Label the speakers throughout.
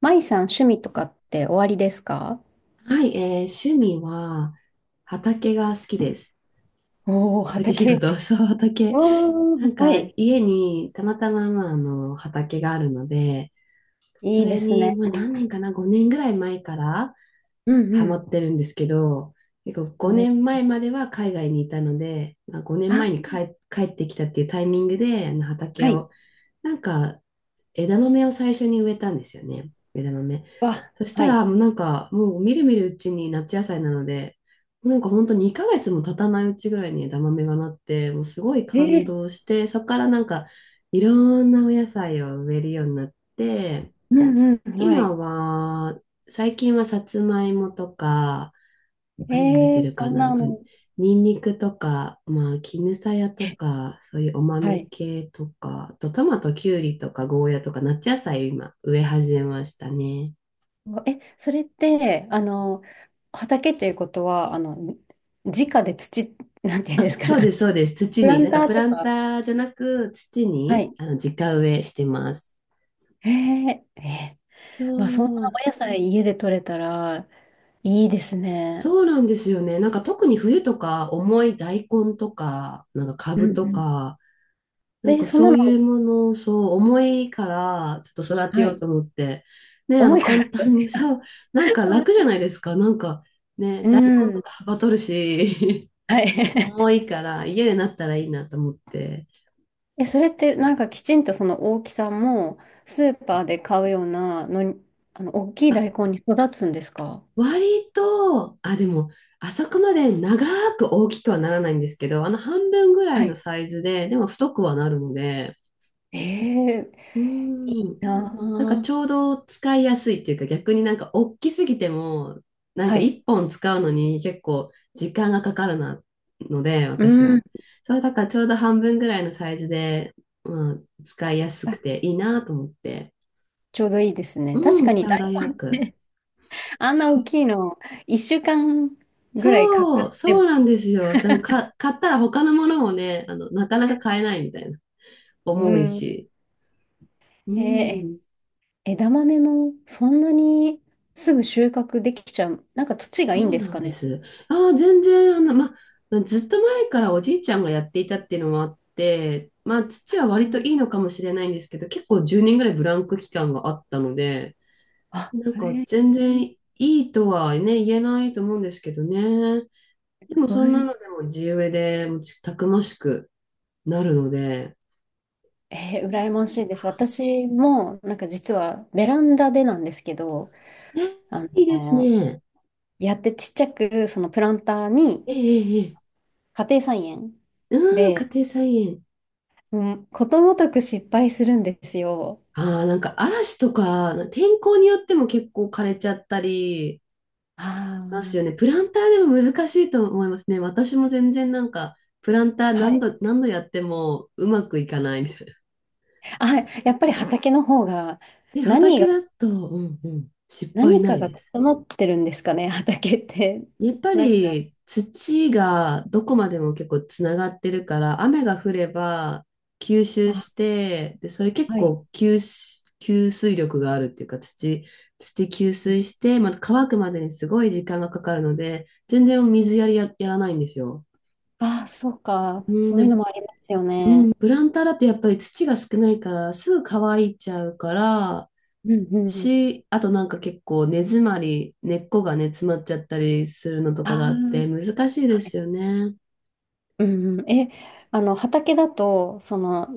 Speaker 1: 舞さん、趣味とかっておありですか？
Speaker 2: はい、趣味は畑が好きです。
Speaker 1: おおー、
Speaker 2: 畑仕
Speaker 1: 畑。
Speaker 2: 事、そう、畑。
Speaker 1: お
Speaker 2: な
Speaker 1: ー、
Speaker 2: ん
Speaker 1: は
Speaker 2: か
Speaker 1: い。
Speaker 2: 家にたまたま、まあ、あの畑があるので、そ
Speaker 1: いいで
Speaker 2: れ
Speaker 1: す
Speaker 2: に、
Speaker 1: ね。
Speaker 2: まあ、何年かな、5年ぐらい前から
Speaker 1: うん
Speaker 2: ハマ
Speaker 1: う
Speaker 2: ってるんですけど、結構
Speaker 1: ん。お
Speaker 2: 5年
Speaker 1: ー、
Speaker 2: 前までは海外にいたので、まあ、5
Speaker 1: あ、
Speaker 2: 年前に帰ってきたっていうタイミングであの畑
Speaker 1: はい。
Speaker 2: をなんか枝豆を最初に植えたんですよね。枝豆。
Speaker 1: わ、
Speaker 2: そした
Speaker 1: はい。
Speaker 2: ら、もうなんか、もうみるみるうちに夏野菜なので、なんか本当2ヶ月も経たないうちぐらいに枝豆がなって、もうすごい
Speaker 1: え
Speaker 2: 感
Speaker 1: ー、
Speaker 2: 動して、そこからなんか、いろんなお野菜を植えるようになって、
Speaker 1: うんうん。は
Speaker 2: 今
Speaker 1: い。
Speaker 2: は、最近はさつまいもとか、何植え
Speaker 1: え
Speaker 2: て
Speaker 1: ー、
Speaker 2: るか
Speaker 1: そん
Speaker 2: なあ
Speaker 1: な
Speaker 2: と、
Speaker 1: の。
Speaker 2: ニンニクとか、まあ、絹さやとか、そういうお
Speaker 1: は
Speaker 2: 豆
Speaker 1: い。
Speaker 2: 系とか、あとトマト、キュウリとか、ゴーヤとか、夏野菜今、植え始めましたね。
Speaker 1: え、それって、あの、畑ということは、あの、直で土、なんていうんで
Speaker 2: あ、
Speaker 1: すか
Speaker 2: そうで
Speaker 1: ね。
Speaker 2: す、そうです。土
Speaker 1: プラ
Speaker 2: に、
Speaker 1: ン
Speaker 2: なん
Speaker 1: タ
Speaker 2: かプ
Speaker 1: ーと
Speaker 2: ラン
Speaker 1: か。
Speaker 2: ターじゃなく、土
Speaker 1: は
Speaker 2: に、
Speaker 1: い。
Speaker 2: あの、直植えしてます。
Speaker 1: えー、えー、まあ、そんな
Speaker 2: そう、
Speaker 1: お野菜家で採れたらいいですね。
Speaker 2: そうなんですよね。なんか特に冬とか、重い大根とか、なんか
Speaker 1: うん
Speaker 2: 株
Speaker 1: う
Speaker 2: と
Speaker 1: ん。
Speaker 2: か、なん
Speaker 1: で、
Speaker 2: か
Speaker 1: そんな
Speaker 2: そ
Speaker 1: の、
Speaker 2: ういうものをそう重いからちょっと育て
Speaker 1: は
Speaker 2: よう
Speaker 1: い。
Speaker 2: と思って、ね、あ
Speaker 1: 重
Speaker 2: の
Speaker 1: いか
Speaker 2: 簡
Speaker 1: ら。
Speaker 2: 単に さ、なんか楽じゃないですか。なんかね、
Speaker 1: う
Speaker 2: 大根と
Speaker 1: ん。
Speaker 2: かはばとるし、
Speaker 1: はい。
Speaker 2: 重 いから家でなったらいいなと思って。
Speaker 1: え、それってなんかきちんとその大きさもスーパーで買うようなのに、あの、大きい
Speaker 2: あ、
Speaker 1: 大根に育つんですか？
Speaker 2: 割と、あ、でも、あそこまで長く大きくはならないんですけど、あの半分ぐら
Speaker 1: は
Speaker 2: いの
Speaker 1: い、
Speaker 2: サイズで、でも太くはなるので、
Speaker 1: えー、
Speaker 2: うーん、
Speaker 1: な
Speaker 2: なんか
Speaker 1: あ。
Speaker 2: ちょうど使いやすいっていうか逆になんか大きすぎてもなん
Speaker 1: は
Speaker 2: か
Speaker 1: い。
Speaker 2: 1本使うのに結構時間がかかるなので
Speaker 1: う
Speaker 2: 私
Speaker 1: ん。
Speaker 2: は。そうだからちょうど半分ぐらいのサイズで、まあ、使いやす
Speaker 1: あ、
Speaker 2: くていいなと思って。
Speaker 1: ちょうどいいですね。
Speaker 2: う
Speaker 1: 確か
Speaker 2: ん、
Speaker 1: に
Speaker 2: ちょ
Speaker 1: 大
Speaker 2: うどよく。
Speaker 1: 根、あんな大きいの、1週間ぐらいかか
Speaker 2: そ
Speaker 1: っ
Speaker 2: う、
Speaker 1: て
Speaker 2: そうな
Speaker 1: も、
Speaker 2: んですよ。しかもか、買ったら他のものもね、あの、なかなか買えないみたいな。
Speaker 1: う
Speaker 2: 重い
Speaker 1: ん。
Speaker 2: し。う
Speaker 1: えー、
Speaker 2: ん。
Speaker 1: 枝豆もそんなにすぐ収穫できちゃう。なんか土がいいん
Speaker 2: そう
Speaker 1: です
Speaker 2: な
Speaker 1: か
Speaker 2: んで
Speaker 1: ね。
Speaker 2: す。ああ、全然、あの、まずっと前からおじいちゃんがやっていたっていうのもあって、まあ、父は
Speaker 1: う
Speaker 2: 割と
Speaker 1: ん、
Speaker 2: いいのかもしれないんですけど、結構10年ぐらいブランク期間があったので、
Speaker 1: あ、
Speaker 2: なんか
Speaker 1: へ、
Speaker 2: 全然いいとはね、言えないと思うんですけどね。でも
Speaker 1: お
Speaker 2: そんな
Speaker 1: い、
Speaker 2: のでも地植えでもうちたくましくなるので、
Speaker 1: えー、羨ましいです。私も、なんか実はベランダでなんですけど、
Speaker 2: え
Speaker 1: あ
Speaker 2: いいです
Speaker 1: の、
Speaker 2: ね。
Speaker 1: やってちっちゃく、そのプランターに
Speaker 2: ええええ。ええ
Speaker 1: 家庭菜園
Speaker 2: うーん、家
Speaker 1: で、
Speaker 2: 庭菜園。
Speaker 1: うん、ことごとく失敗するんですよ。
Speaker 2: ああ、なんか嵐とか、天候によっても結構枯れちゃったり、ますよね。
Speaker 1: あ
Speaker 2: プランターでも難しいと思いますね。私も全然なんか、プランター
Speaker 1: あ、は
Speaker 2: 何
Speaker 1: い。
Speaker 2: 度、何度やってもうまくいかないみたいな。
Speaker 1: あ、やっぱり畑の方が、
Speaker 2: で、
Speaker 1: 何
Speaker 2: 畑
Speaker 1: が、
Speaker 2: だと、うんうん、失敗
Speaker 1: 何
Speaker 2: な
Speaker 1: か
Speaker 2: い
Speaker 1: が
Speaker 2: です。
Speaker 1: 整ってるんですかね、畑って。
Speaker 2: やっ ぱ
Speaker 1: なんか、
Speaker 2: り土がどこまでも結構つながってるから、雨が降れば吸収
Speaker 1: あ、
Speaker 2: して、で、それ結
Speaker 1: はい。
Speaker 2: 構吸水力があるっていうか、土、吸水して、また乾くまでにすごい時間がかかるので、全然水やりやらないんですよ。
Speaker 1: ああ、そうか。
Speaker 2: うん、
Speaker 1: そういう
Speaker 2: で、
Speaker 1: のもありますよね。
Speaker 2: プランターだとやっぱり土が少ないからすぐ乾いちゃうから
Speaker 1: うんうん。
Speaker 2: し、あとなんか結構根詰まり、根っこがね、詰まっちゃったりするのとか
Speaker 1: あ
Speaker 2: があって難しいで
Speaker 1: あ。
Speaker 2: すよね。
Speaker 1: うんうん、え、あの、畑だと、その、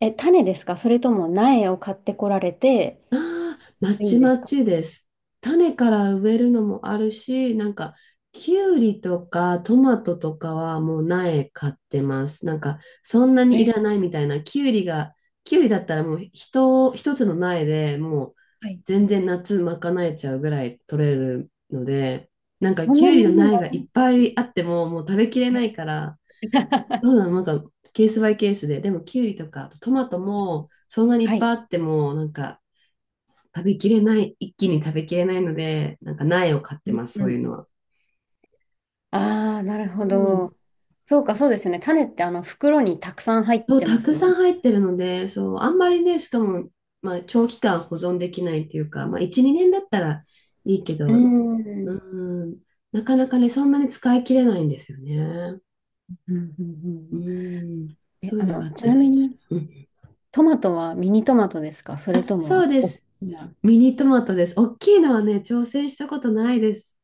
Speaker 1: え、種ですか、それとも苗を買ってこられて
Speaker 2: ああ、ま
Speaker 1: いいん
Speaker 2: ち
Speaker 1: で
Speaker 2: ま
Speaker 1: すか？
Speaker 2: ちです。種から植えるのもあるし、なんか、きゅうりとかトマトとかはもう苗買ってます。なんか、そんなにい
Speaker 1: え、
Speaker 2: らないみたいな。きゅうりが、きゅうりだったらもう一つの苗でもう
Speaker 1: はい。
Speaker 2: 全然夏賄えちゃうぐらい取れるので、なんか
Speaker 1: そん
Speaker 2: き
Speaker 1: な
Speaker 2: ゅう
Speaker 1: に
Speaker 2: り
Speaker 1: な
Speaker 2: の
Speaker 1: り
Speaker 2: 苗がい
Speaker 1: ま
Speaker 2: っ
Speaker 1: す
Speaker 2: ぱいあってももう食べきれな
Speaker 1: ね。
Speaker 2: いから、そ うだなんかケースバイケースで、でもきゅうりとか、あとトマトもそんなにい
Speaker 1: は
Speaker 2: っぱい
Speaker 1: い。
Speaker 2: あっても、なんか、食べきれない、一気に食べきれないので、なんか苗を買って ます、
Speaker 1: う
Speaker 2: そ
Speaker 1: ん
Speaker 2: う
Speaker 1: う
Speaker 2: いうの
Speaker 1: ん。
Speaker 2: は。
Speaker 1: ああ、なる
Speaker 2: う
Speaker 1: ほ
Speaker 2: ん。
Speaker 1: ど。そうか、そうですよね。種ってあの袋にたくさん入っ
Speaker 2: そう、
Speaker 1: て
Speaker 2: た
Speaker 1: ま
Speaker 2: く
Speaker 1: す
Speaker 2: さ
Speaker 1: も
Speaker 2: ん
Speaker 1: ん。
Speaker 2: 入ってるので、そう、あんまりね、しかも、まあ、長期間保存できないっていうか、まあ、1、2年だったらいいけ
Speaker 1: う
Speaker 2: ど、
Speaker 1: ん。う
Speaker 2: う
Speaker 1: ん
Speaker 2: ん、なかなかね、そんなに使い切れないんですよね。
Speaker 1: うんう
Speaker 2: う
Speaker 1: ん。
Speaker 2: ん、
Speaker 1: え、
Speaker 2: そうい
Speaker 1: あ
Speaker 2: うのが
Speaker 1: の、
Speaker 2: あっ
Speaker 1: ち
Speaker 2: た
Speaker 1: な
Speaker 2: りし
Speaker 1: み
Speaker 2: て。
Speaker 1: に、
Speaker 2: うん、
Speaker 1: トマトはミニトマトですか、それ
Speaker 2: あ、
Speaker 1: とも、
Speaker 2: そ
Speaker 1: あ、
Speaker 2: うで
Speaker 1: おっ
Speaker 2: す。
Speaker 1: きな、
Speaker 2: ミニトマトです。大きいのはね、挑戦したことないです。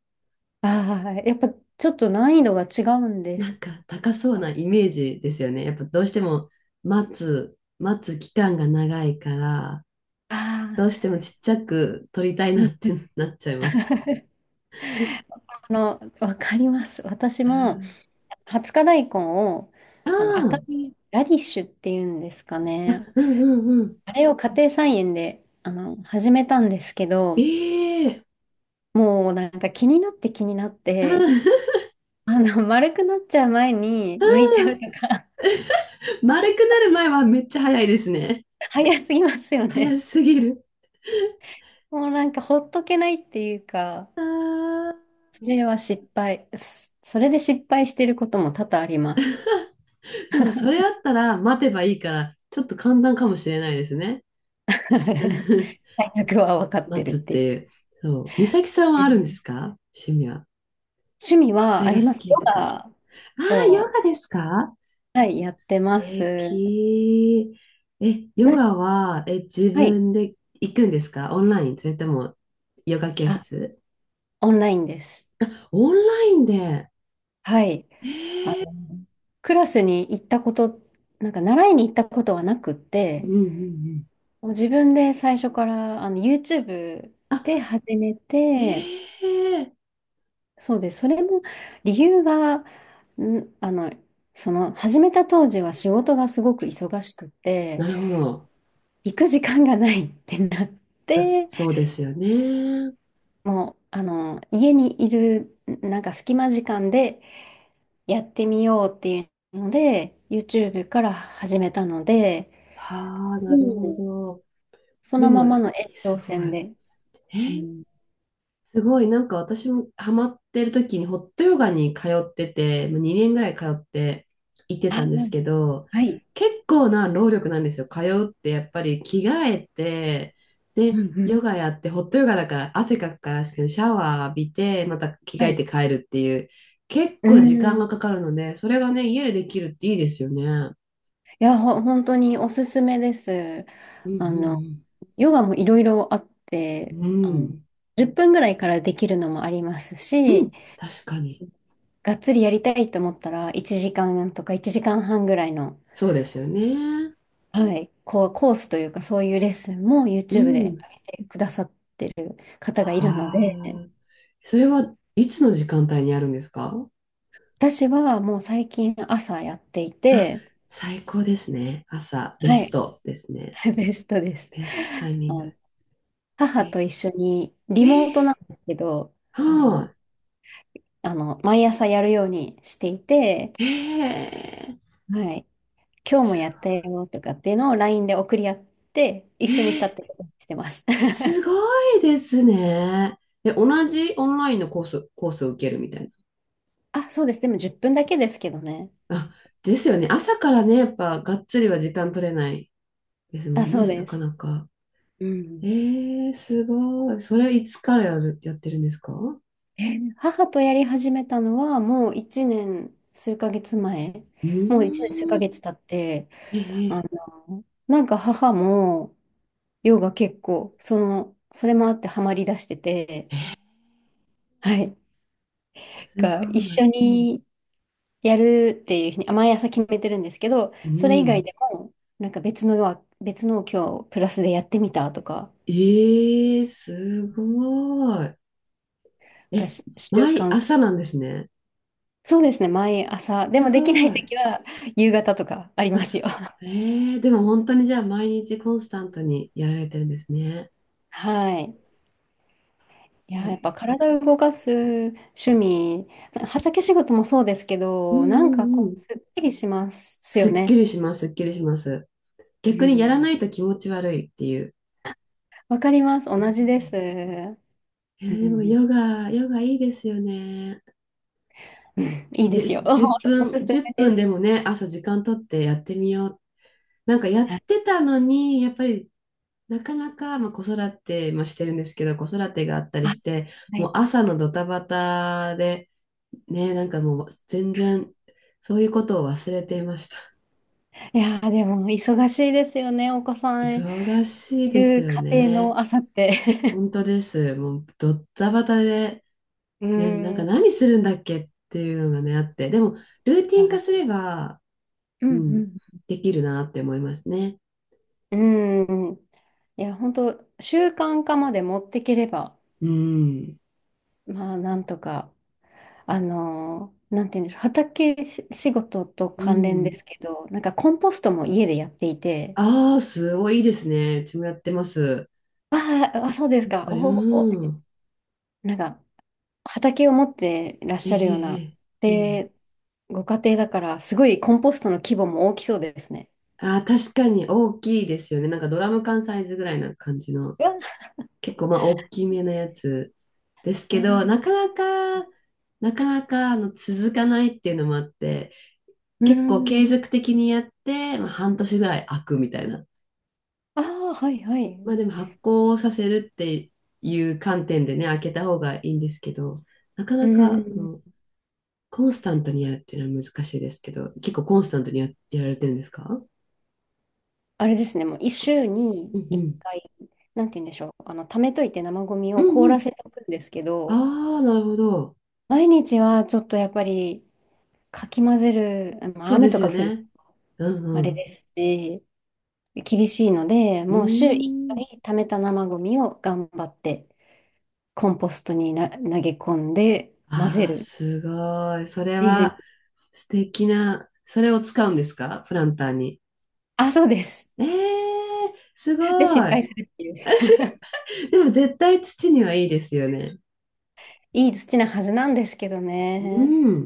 Speaker 1: ああ、やっぱちょっと難易度が違うんで
Speaker 2: な
Speaker 1: す
Speaker 2: んか高そうな
Speaker 1: か？
Speaker 2: イメージですよね。やっぱどうしても待つ期間が長いから、
Speaker 1: あ
Speaker 2: どうし
Speaker 1: あ
Speaker 2: てもちっちゃく撮りたいなっ
Speaker 1: ー。
Speaker 2: てなっちゃいます。
Speaker 1: あの、わかります。私
Speaker 2: う
Speaker 1: も、
Speaker 2: ん
Speaker 1: 20日大根を、
Speaker 2: あ
Speaker 1: あの、赤
Speaker 2: あ、
Speaker 1: いラディッシュっていうんですかね。
Speaker 2: うんうんうん。
Speaker 1: あれを家庭菜園で、あの、始めたんですけど、
Speaker 2: ええ
Speaker 1: もうなんか気になって気になっ
Speaker 2: あー
Speaker 1: て、
Speaker 2: あ
Speaker 1: あの、丸くなっちゃう前に
Speaker 2: ー、
Speaker 1: 抜いちゃうと
Speaker 2: ああ
Speaker 1: か、
Speaker 2: 丸くなる前はめっちゃ早いですね。
Speaker 1: 早すぎますよ
Speaker 2: 早
Speaker 1: ね。
Speaker 2: すぎる。
Speaker 1: もうなんかほっとけないっていうか、
Speaker 2: あ
Speaker 1: それは失敗。そ、それで失敗してることも多々あります。
Speaker 2: ーでもそれあったら待てばいいから、ちょっと簡単かもしれないですね。うん
Speaker 1: 大学は分かって
Speaker 2: 待
Speaker 1: るっ
Speaker 2: つっ
Speaker 1: てい
Speaker 2: ていう。そう。美咲さんはあるんです
Speaker 1: う。
Speaker 2: か？趣味は。
Speaker 1: 趣味
Speaker 2: こ
Speaker 1: は
Speaker 2: れ
Speaker 1: あ
Speaker 2: が
Speaker 1: り
Speaker 2: 好
Speaker 1: ます。ヨ
Speaker 2: きとか。あ
Speaker 1: ガ
Speaker 2: あ、ヨ
Speaker 1: を、
Speaker 2: ガですか？
Speaker 1: はい、やってま
Speaker 2: 素
Speaker 1: す。
Speaker 2: 敵。え、ヨ
Speaker 1: な、
Speaker 2: ガは、え、自
Speaker 1: はい。
Speaker 2: 分で行くんですか？オンラインそれとも、ヨガ教
Speaker 1: あ、
Speaker 2: 室
Speaker 1: オンラインです。
Speaker 2: オンラインで。
Speaker 1: はい。あの、クラスに行ったこと、なんか習いに行ったことはなくっ
Speaker 2: うん
Speaker 1: て、
Speaker 2: うんうん。
Speaker 1: もう自分で最初からあの YouTube
Speaker 2: あ、
Speaker 1: で始め
Speaker 2: え
Speaker 1: て、
Speaker 2: え
Speaker 1: そうです。それも理由が、ん、あの、その始めた当時は仕事がすごく忙しくて、
Speaker 2: なるほど。
Speaker 1: 行く時間がないってなっ
Speaker 2: あ、
Speaker 1: て、
Speaker 2: そうですよね。
Speaker 1: もう、あの、家にいる、なんか隙間時間でやってみようっていうので、YouTube から始めたので、
Speaker 2: はあ、な
Speaker 1: も
Speaker 2: るほ
Speaker 1: う、
Speaker 2: ど。
Speaker 1: そ
Speaker 2: で
Speaker 1: のま
Speaker 2: も、
Speaker 1: まの延長
Speaker 2: すごい。
Speaker 1: 線で。
Speaker 2: え
Speaker 1: う
Speaker 2: ー
Speaker 1: ん。
Speaker 2: すごい、なんか私もハマってる時にホットヨガに通ってて、もう2年ぐらい通って行って
Speaker 1: あ、
Speaker 2: たんですけど、
Speaker 1: はい。
Speaker 2: 結構な労力なんですよ。通うってやっぱり着替えて、
Speaker 1: うん
Speaker 2: で、
Speaker 1: うん。
Speaker 2: ヨガやって、ホットヨガだから汗かくからシャワー浴びて、また着
Speaker 1: は
Speaker 2: 替え
Speaker 1: い。
Speaker 2: て帰るっていう、結
Speaker 1: う
Speaker 2: 構時間
Speaker 1: ん。い
Speaker 2: がかかるので、それがね、家でできるっていいですよね。
Speaker 1: や、本当におすすめです。
Speaker 2: うんう
Speaker 1: あの、
Speaker 2: ん
Speaker 1: ヨガもいろいろあって、
Speaker 2: う
Speaker 1: あ
Speaker 2: ん。う
Speaker 1: の、
Speaker 2: ん、
Speaker 1: 10分ぐらいからできるのもあります
Speaker 2: うん、
Speaker 1: し、
Speaker 2: 確かに。
Speaker 1: がっつりやりたいと思ったら1時間とか1時間半ぐらいの、
Speaker 2: そうですよね。
Speaker 1: はい、こう、コースというか、そういうレッスンも
Speaker 2: う
Speaker 1: YouTube で
Speaker 2: ん。
Speaker 1: 上げてくださってる方がいるの
Speaker 2: あ
Speaker 1: で、
Speaker 2: あ。それはいつの時間帯にあるんですか？
Speaker 1: 私はもう最近朝やってい
Speaker 2: あ、
Speaker 1: て、
Speaker 2: 最高ですね。朝、ベ
Speaker 1: は
Speaker 2: ス
Speaker 1: い、
Speaker 2: トですね。
Speaker 1: ベストです。
Speaker 2: ベストタイミ
Speaker 1: あ
Speaker 2: ング。
Speaker 1: の、母
Speaker 2: え、
Speaker 1: と一緒に、リ
Speaker 2: え
Speaker 1: モートなんですけど、あの、
Speaker 2: は
Speaker 1: あの、毎朝やるようにしていて、
Speaker 2: い。
Speaker 1: はい、今日も
Speaker 2: す
Speaker 1: やっ
Speaker 2: ご
Speaker 1: たよとかっていうのを LINE で送り合って、一
Speaker 2: い、
Speaker 1: 緒にしたってことにしてます。
Speaker 2: す ごいですね。で、同じオンラインのコースを受けるみたい
Speaker 1: あ、そうです。でも10分だけですけどね。
Speaker 2: な。あ、ですよね。朝からね、やっぱ、がっつりは時間取れないですも
Speaker 1: あ、
Speaker 2: ん
Speaker 1: そう
Speaker 2: ね、な
Speaker 1: で
Speaker 2: か
Speaker 1: す。
Speaker 2: なか。
Speaker 1: うん。
Speaker 2: すごい。それいつからやってるんですか？う
Speaker 1: 母とやり始めたのはもう1年数ヶ月前、
Speaker 2: ー
Speaker 1: もう1年数ヶ
Speaker 2: ん。
Speaker 1: 月経って、
Speaker 2: え
Speaker 1: あ
Speaker 2: ー、
Speaker 1: の、なんか母もヨガ結構、その、それもあってハマりだしてて、
Speaker 2: えー
Speaker 1: はい、
Speaker 2: す
Speaker 1: が一
Speaker 2: ごい。
Speaker 1: 緒にやるっていうふうに、あ、毎朝決めてるんですけど、
Speaker 2: う
Speaker 1: それ以外
Speaker 2: ん。
Speaker 1: でも、なんか別のを今日プラスでやってみたとか
Speaker 2: ええすごい。
Speaker 1: が
Speaker 2: え、
Speaker 1: し、習
Speaker 2: 毎
Speaker 1: 慣、
Speaker 2: 朝なんですね。
Speaker 1: そうですね、毎朝、で
Speaker 2: す
Speaker 1: もできな
Speaker 2: ご
Speaker 1: い
Speaker 2: い。
Speaker 1: 時は夕方とかありますよ。
Speaker 2: ええでも本当にじゃあ毎日コンスタントにやられてるんですね。
Speaker 1: はい。い
Speaker 2: すご
Speaker 1: やー、やっぱ
Speaker 2: い。
Speaker 1: 体を動かす趣味、畑仕事もそうですけ
Speaker 2: うん
Speaker 1: ど、なん
Speaker 2: う
Speaker 1: か
Speaker 2: んう
Speaker 1: こう、
Speaker 2: ん。
Speaker 1: すっきりします
Speaker 2: す
Speaker 1: よ
Speaker 2: っき
Speaker 1: ね。
Speaker 2: りします、すっきりします。
Speaker 1: う
Speaker 2: 逆にやらな
Speaker 1: ん。
Speaker 2: いと気持ち悪いっていう。
Speaker 1: わかります。
Speaker 2: う
Speaker 1: 同じで
Speaker 2: ん
Speaker 1: す。う
Speaker 2: でも
Speaker 1: ん。
Speaker 2: ヨガいいですよね。
Speaker 1: うん、いいですよ。おお
Speaker 2: 10
Speaker 1: す
Speaker 2: 分、
Speaker 1: す
Speaker 2: 1
Speaker 1: め
Speaker 2: 分
Speaker 1: で
Speaker 2: で
Speaker 1: す。
Speaker 2: もね、朝時間取ってやってみよう。なんかやっ
Speaker 1: はい。
Speaker 2: てたのに、やっぱりなかなか、まあ、子育てもしてるんですけど、子育てがあったり
Speaker 1: あ、
Speaker 2: して、
Speaker 1: は
Speaker 2: もう
Speaker 1: い、
Speaker 2: 朝のドタバタで、ね、なんかもう全然そういうことを忘れていました。
Speaker 1: いやー、でも、忙しいですよね。お子さん
Speaker 2: 忙しい
Speaker 1: い
Speaker 2: です
Speaker 1: る
Speaker 2: よ
Speaker 1: 家庭
Speaker 2: ね。
Speaker 1: の朝って。
Speaker 2: 本当です。もうドタバタで、
Speaker 1: う
Speaker 2: ね、なん
Speaker 1: ん。
Speaker 2: か
Speaker 1: は
Speaker 2: 何するんだっけっていうのがね、あって、でもルーティン化す
Speaker 1: い、
Speaker 2: れば、
Speaker 1: う
Speaker 2: うん、
Speaker 1: ん
Speaker 2: できるなって思いますね。
Speaker 1: うん。うん。いや、本当習慣化まで持ってければ、
Speaker 2: うん。
Speaker 1: まあ、なんとか。あの、なんて言うんでしょう、畑し仕事と
Speaker 2: う
Speaker 1: 関連で
Speaker 2: ん。
Speaker 1: すけど、なんかコンポストも家でやっていて、
Speaker 2: ああ、すごいいいですね。うちもやってます。
Speaker 1: あーあ、そうです
Speaker 2: やっ
Speaker 1: か、
Speaker 2: ぱり、
Speaker 1: おお、
Speaker 2: うん。
Speaker 1: なんか畑を持ってらっ
Speaker 2: え
Speaker 1: し
Speaker 2: え
Speaker 1: ゃるよう
Speaker 2: え
Speaker 1: な、
Speaker 2: え、うん。
Speaker 1: で、ご家庭だから、すごいコンポストの規模も大きそうですね。
Speaker 2: あー、確かに大きいですよね。なんかドラム缶サイズぐらいな感じの、
Speaker 1: うわ
Speaker 2: 結構まあ大きめなやつです
Speaker 1: あ
Speaker 2: けど、な
Speaker 1: ー、
Speaker 2: かなか、なかなかあの続かないっていうのもあって、
Speaker 1: うー
Speaker 2: 結構
Speaker 1: ん、
Speaker 2: 継続的にやって、まあ、半年ぐらい開くみたいな。
Speaker 1: ああ、はいはい。う
Speaker 2: まあでも発酵させるっていう観点でね、開けた方がいいんですけど、なか
Speaker 1: ー
Speaker 2: なかあ
Speaker 1: ん、
Speaker 2: のコンスタントにやるっていうのは難しいですけど、結構コンスタントにやられてるんですか？
Speaker 1: あれですね、もう一週に
Speaker 2: うんう
Speaker 1: 一
Speaker 2: ん。
Speaker 1: 回、なんて言うんでしょう、あの、溜めといて生ゴミ
Speaker 2: う
Speaker 1: を
Speaker 2: ん
Speaker 1: 凍
Speaker 2: う
Speaker 1: ら
Speaker 2: ん
Speaker 1: せておくんですけど、
Speaker 2: ああ、なるほど。
Speaker 1: 毎日はちょっとやっぱり、かき混ぜる、まあ、
Speaker 2: そうで
Speaker 1: 雨
Speaker 2: す
Speaker 1: とか
Speaker 2: よ
Speaker 1: 降る、
Speaker 2: ね。
Speaker 1: あ
Speaker 2: う
Speaker 1: れで
Speaker 2: ん
Speaker 1: すし、厳しいので、
Speaker 2: うん。
Speaker 1: もう週1
Speaker 2: うーん。
Speaker 1: 回溜めた生ゴミを頑張って、コンポストにな、投げ込んで混ぜ
Speaker 2: あ
Speaker 1: る
Speaker 2: あ、
Speaker 1: っ
Speaker 2: すごい。それ
Speaker 1: ていうふうに。
Speaker 2: は素敵な、それを使うんですか？プランターに。
Speaker 1: あ、そうです。
Speaker 2: ええー、すご
Speaker 1: で、失
Speaker 2: い。
Speaker 1: 敗するっていう。
Speaker 2: でも絶対土にはいいですよね。
Speaker 1: いい土なはずなんですけど
Speaker 2: う
Speaker 1: ね。
Speaker 2: ん。